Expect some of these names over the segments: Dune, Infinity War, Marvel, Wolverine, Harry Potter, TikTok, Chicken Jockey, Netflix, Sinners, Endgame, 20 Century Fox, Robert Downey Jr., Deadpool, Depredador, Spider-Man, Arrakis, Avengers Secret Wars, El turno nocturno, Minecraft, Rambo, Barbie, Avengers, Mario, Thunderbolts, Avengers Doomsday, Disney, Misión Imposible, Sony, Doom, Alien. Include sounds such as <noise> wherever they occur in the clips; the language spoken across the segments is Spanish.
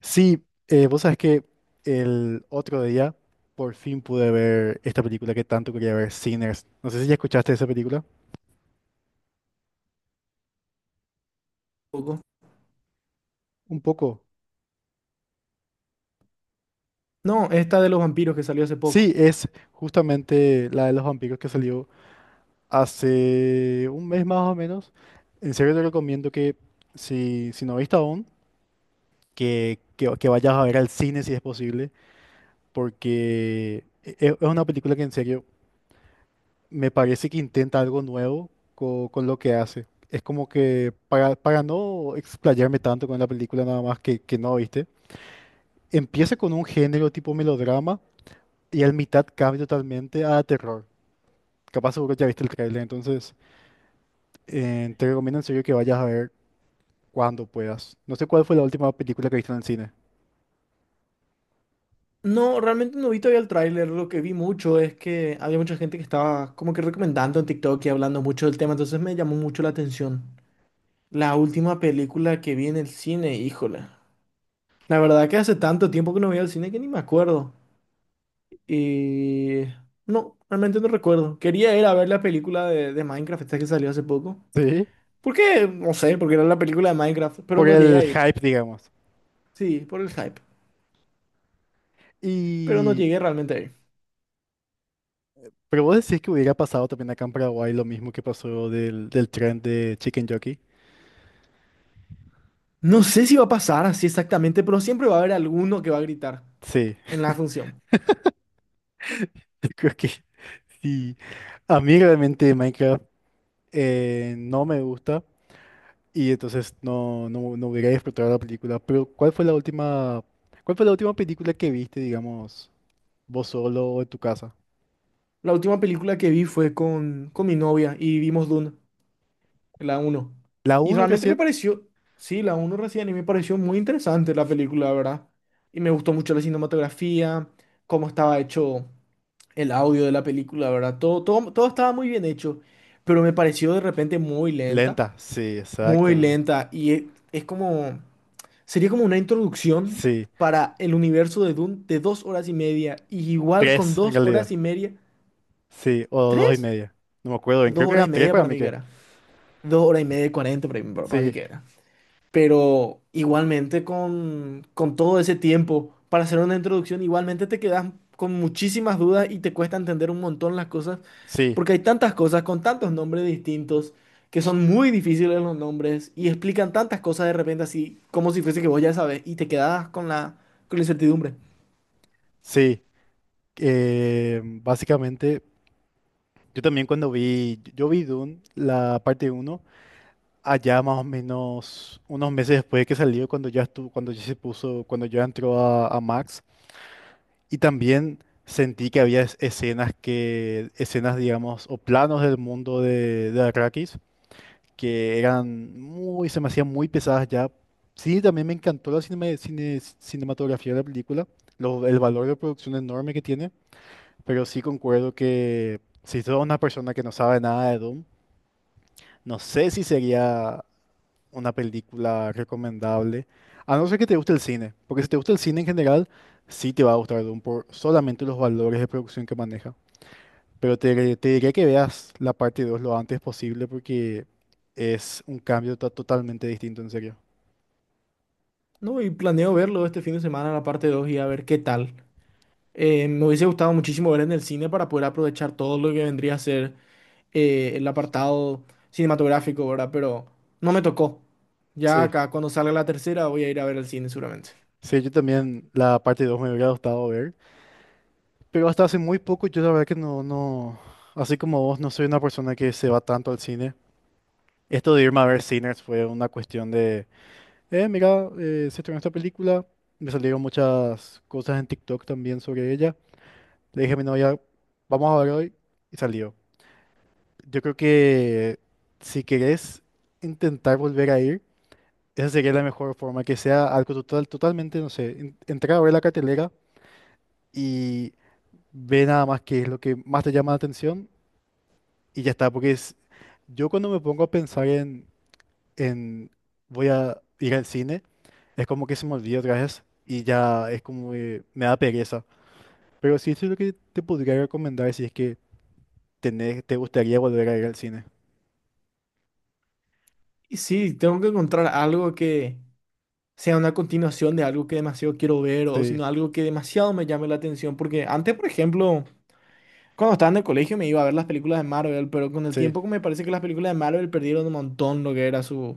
Sí, vos sabés que el otro día por fin pude ver esta película que tanto quería ver, Sinners. No sé si ya escuchaste esa película. Poco. Un poco. No, esta de los vampiros que salió hace Sí, poco. es justamente la de los vampiros que salió hace 1 mes más o menos. En serio te recomiendo que si no viste aún, que vayas a ver al cine si es posible, porque es una película que en serio me parece que intenta algo nuevo con lo que hace. Es como que para no explayarme tanto con la película nada más que no, ¿viste? Empieza con un género tipo melodrama y al mitad cambia totalmente a terror. Capaz seguro ya viste el tráiler, entonces te recomiendo en serio que vayas a ver cuando puedas. No sé cuál fue la última película que viste en el cine. No, realmente no vi todavía el tráiler. Lo que vi mucho es que había mucha gente que estaba como que recomendando en TikTok y hablando mucho del tema, entonces me llamó mucho la atención. La última película que vi en el cine, híjole. La verdad que hace tanto tiempo que no voy al cine que ni me acuerdo. Y... No, realmente no recuerdo. Quería ir a ver la película de Minecraft, esta que salió hace poco. Sí. ¿Por qué? No sé, porque era la película de Minecraft, pero Por no llegué el a ir. hype, digamos. Sí, por el hype. Pero no Y... llegué realmente a ir. Pero vos decís que hubiera pasado también acá en Paraguay lo mismo que pasó del tren de Chicken Jockey. No sé si va a pasar así exactamente, pero siempre va a haber alguno que va a gritar Sí. en la función. <laughs> Yo creo que sí. A mí realmente Minecraft no me gusta y entonces no hubiera disfrutado la película. Pero ¿cuál fue la última, cuál fue la última película que viste, digamos, vos solo o en tu casa? La última película que vi fue con mi novia y vimos Dune, la uno. ¿La Y uno realmente me recién? pareció, sí, la uno recién, y me pareció muy interesante la película, la ¿verdad? Y me gustó mucho la cinematografía, cómo estaba hecho el audio de la película, ¿verdad? Todo, todo, todo estaba muy bien hecho, pero me pareció de repente Lenta, sí, muy exactamente. lenta, y es como... Sería como una introducción Sí, para el universo de Dune de 2 horas y media. Y igual con tres en dos realidad. horas y media. Sí, o dos y ¿Tres? media. No me acuerdo bien, Dos creo que horas eran y tres media para para mí mí que que. era. 2 horas y media y 40 para mí Sí, que era. Pero igualmente con todo ese tiempo para hacer una introducción, igualmente te quedas con muchísimas dudas y te cuesta entender un montón las cosas, sí, porque hay tantas cosas con tantos nombres distintos que son muy difíciles los nombres y explican tantas cosas de repente así, como si fuese que vos ya sabes, y te quedas con la incertidumbre. sí. Básicamente, yo también cuando vi, yo vi Dune, la parte 1 allá más o menos unos meses después de que salió, cuando ya estuvo, cuando ya se puso, cuando ya entró a Max. Y también sentí que había escenas que, escenas, digamos, o planos del mundo de Arrakis que eran muy, se me hacían muy pesadas ya. Sí, también me encantó la cinematografía de la película, el valor de producción enorme que tiene, pero sí concuerdo que si sos una persona que no sabe nada de Doom, no sé si sería una película recomendable, a no ser que te guste el cine, porque si te gusta el cine en general, sí te va a gustar Dune por solamente los valores de producción que maneja. Pero te diría que veas la parte 2 lo antes posible porque es un cambio totalmente distinto, en serio. No, y planeo verlo este fin de semana, la parte 2 y a ver qué tal. Me hubiese gustado muchísimo ver en el cine para poder aprovechar todo lo que vendría a ser. El apartado cinematográfico, ¿verdad? Pero no me tocó. Ya Sí, acá, cuando salga la tercera, voy a ir a ver el cine seguramente. sí, yo también la parte 2 me hubiera gustado ver, pero hasta hace muy poco yo la verdad que así como vos, no soy una persona que se va tanto al cine. Esto de irme a ver Sinners fue una cuestión. Mira, se estrenó esta película, me salieron muchas cosas en TikTok también sobre ella. Le dije a mi novia, vamos a ver hoy, y salió. Yo creo que si querés intentar volver a ir, esa sería la mejor forma, que sea algo total, totalmente, no sé, entrar a ver la cartelera y ve nada más qué es lo que más te llama la atención y ya está, porque es, yo cuando me pongo a pensar en en, voy a ir al cine, es como que se me olvida otra vez y ya es como que me da pereza. Pero sí, eso es lo que te podría recomendar si es que tenés, te gustaría volver a ir al cine. Y sí, tengo que encontrar algo que sea una continuación de algo que demasiado quiero ver o Sí, sino algo que demasiado me llame la atención. Porque antes, por ejemplo, cuando estaba en el colegio me iba a ver las películas de Marvel, pero con el sí. tiempo me parece que las películas de Marvel perdieron un montón lo que era su,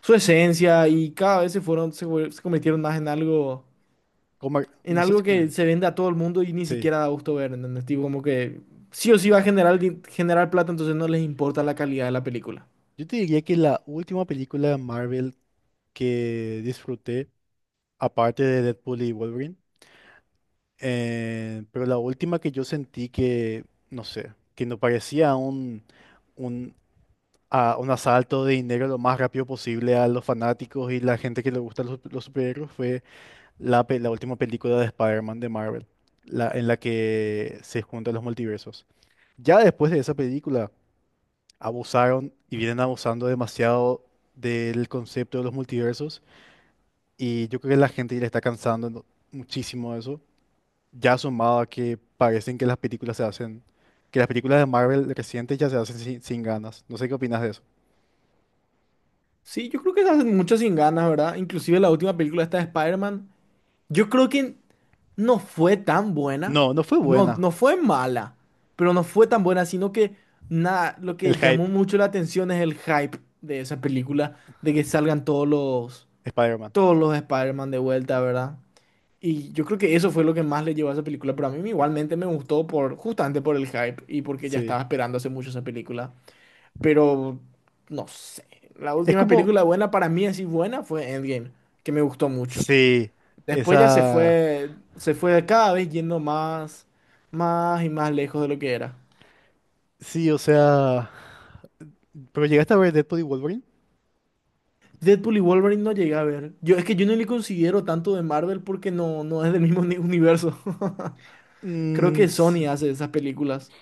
su esencia y cada vez se fueron, se, fue- se convirtieron más en algo. Comer, En no sé algo si comer. que se vende a todo el mundo y ni Sí. siquiera da gusto ver, ¿entendés? Tipo, como que sí o sí va a generar, generar plata, entonces no les importa la calidad de la película. Yo te diría que la última película de Marvel que disfruté, aparte de Deadpool y Wolverine, pero la última que yo sentí que, no sé, que no parecía un a un asalto de dinero lo más rápido posible a los fanáticos y la gente que le gusta los superhéroes fue la última película de Spider-Man de Marvel, la, en la que se juntan los multiversos. Ya después de esa película, abusaron y vienen abusando demasiado del concepto de los multiversos y yo creo que la gente ya le está cansando, ¿no? Muchísimo de eso, ya sumado a que parecen que las películas se hacen, que las películas de Marvel recientes ya se hacen sin ganas. No sé qué opinas de eso. Sí, yo creo que se hacen mucho sin ganas, ¿verdad? Inclusive la última película esta de Spider-Man, yo creo que no fue tan buena, No, no fue no, buena. no fue mala, pero no fue tan buena, sino que nada, lo El que llamó hype, mucho la atención es el hype de esa película, de que salgan todos los, Spider-Man. todos los Spider-Man de vuelta, ¿verdad? Y yo creo que eso fue lo que más le llevó a esa película, pero a mí igualmente me gustó por, justamente por el hype y porque ya Sí. estaba esperando hace mucho esa película. Pero, no sé, la Es última como. película buena para mí, así buena, fue Endgame, que me gustó mucho. Sí. Después ya se Esa. fue, se fue cada vez yendo más, más y más lejos de lo que era. Sí, o sea. Pero llegaste a ver Deadpool y Wolverine. Deadpool y Wolverine no llegué a ver. Yo, es que yo no le considero tanto de Marvel porque no, no es del mismo universo. <laughs> Creo Mm, que s- Sony hace esas películas.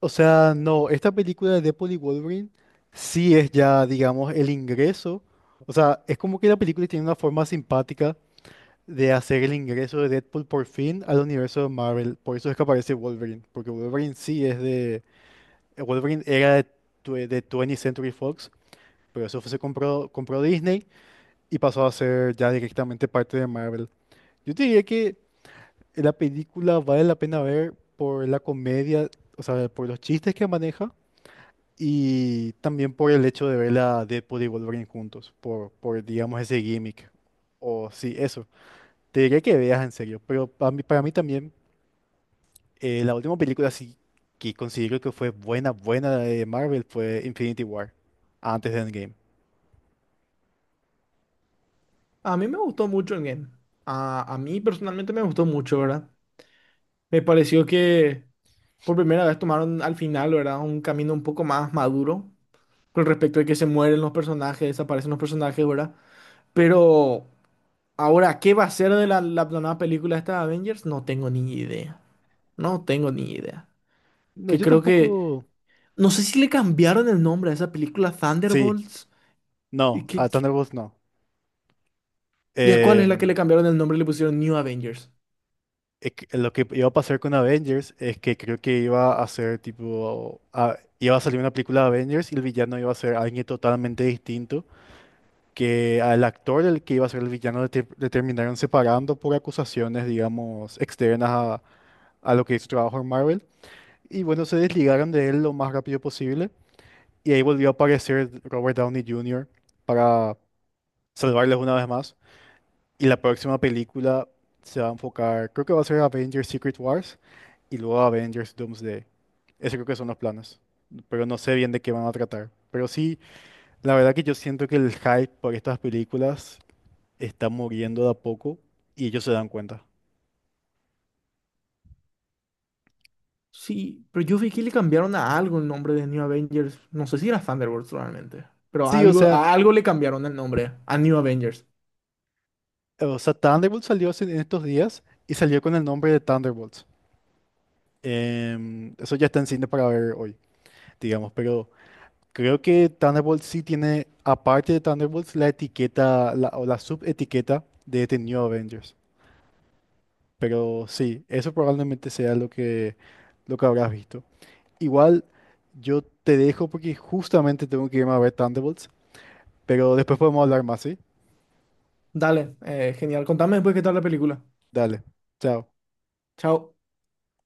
o sea, no. Esta película de Deadpool y Wolverine sí es ya, digamos, el ingreso. O sea, es como que la película tiene una forma simpática de hacer el ingreso de Deadpool por fin al universo de Marvel. Por eso es que aparece Wolverine. Porque Wolverine sí es de. Wolverine era de 20 Century Fox. Pero se compró, compró Disney, y pasó a ser ya directamente parte de Marvel. Yo te diría que la película vale la pena ver por la comedia, o sea, por los chistes que maneja y también por el hecho de ver a Deadpool y Wolverine juntos, por digamos, ese gimmick. O sí, eso. Te diría que veas en serio, pero para mí también la última película sí que considero que fue buena, buena de Marvel fue Infinity War, antes de Endgame. A mí me gustó mucho el game. A mí personalmente me gustó mucho, ¿verdad? Me pareció que por primera vez tomaron al final, ¿verdad? Un camino un poco más maduro con respecto a que se mueren los personajes, desaparecen los personajes, ¿verdad? Pero ahora, ¿qué va a ser de la nueva película esta de Avengers? No tengo ni idea. No tengo ni idea. No, Que yo creo que... tampoco... No sé si le cambiaron el nombre a esa película Sí, Thunderbolts. ¿Y, no, a Thunderbolts no. y a cuál es la que le Em, cambiaron el nombre y le pusieron New Avengers? Lo que iba a pasar con Avengers es que creo que iba a ser tipo, iba a salir una película de Avengers y el villano iba a ser alguien totalmente distinto, que al actor el que iba a ser el villano le, le terminaron separando por acusaciones, digamos, externas a lo que es su trabajo en Marvel. Y bueno, se desligaron de él lo más rápido posible y ahí volvió a aparecer Robert Downey Jr. para salvarles una vez más. Y la próxima película se va a enfocar, creo que va a ser Avengers Secret Wars y luego Avengers Doomsday. Esos creo que son los planes. Pero no sé bien de qué van a tratar. Pero sí, la verdad que yo siento que el hype por estas películas está muriendo de a poco y ellos se dan cuenta. Sí, pero yo vi que le cambiaron a algo el nombre de New Avengers. No sé si era Thunderbolts realmente, pero Sí, algo, a algo le cambiaron el nombre, a New Avengers. o sea, Thunderbolts salió hace- en estos días y salió con el nombre de Thunderbolts. Eso ya está en cine para ver hoy, digamos, pero creo que Thunderbolts sí tiene, aparte de Thunderbolts, la etiqueta la, o la subetiqueta de The New Avengers. Pero sí, eso probablemente sea lo que habrás visto. Igual yo te dejo porque justamente tengo que irme a ver Thunderbolts, pero después podemos hablar más, ¿sí? Dale, genial. Contame después qué tal la película. Dale, chao. Chao.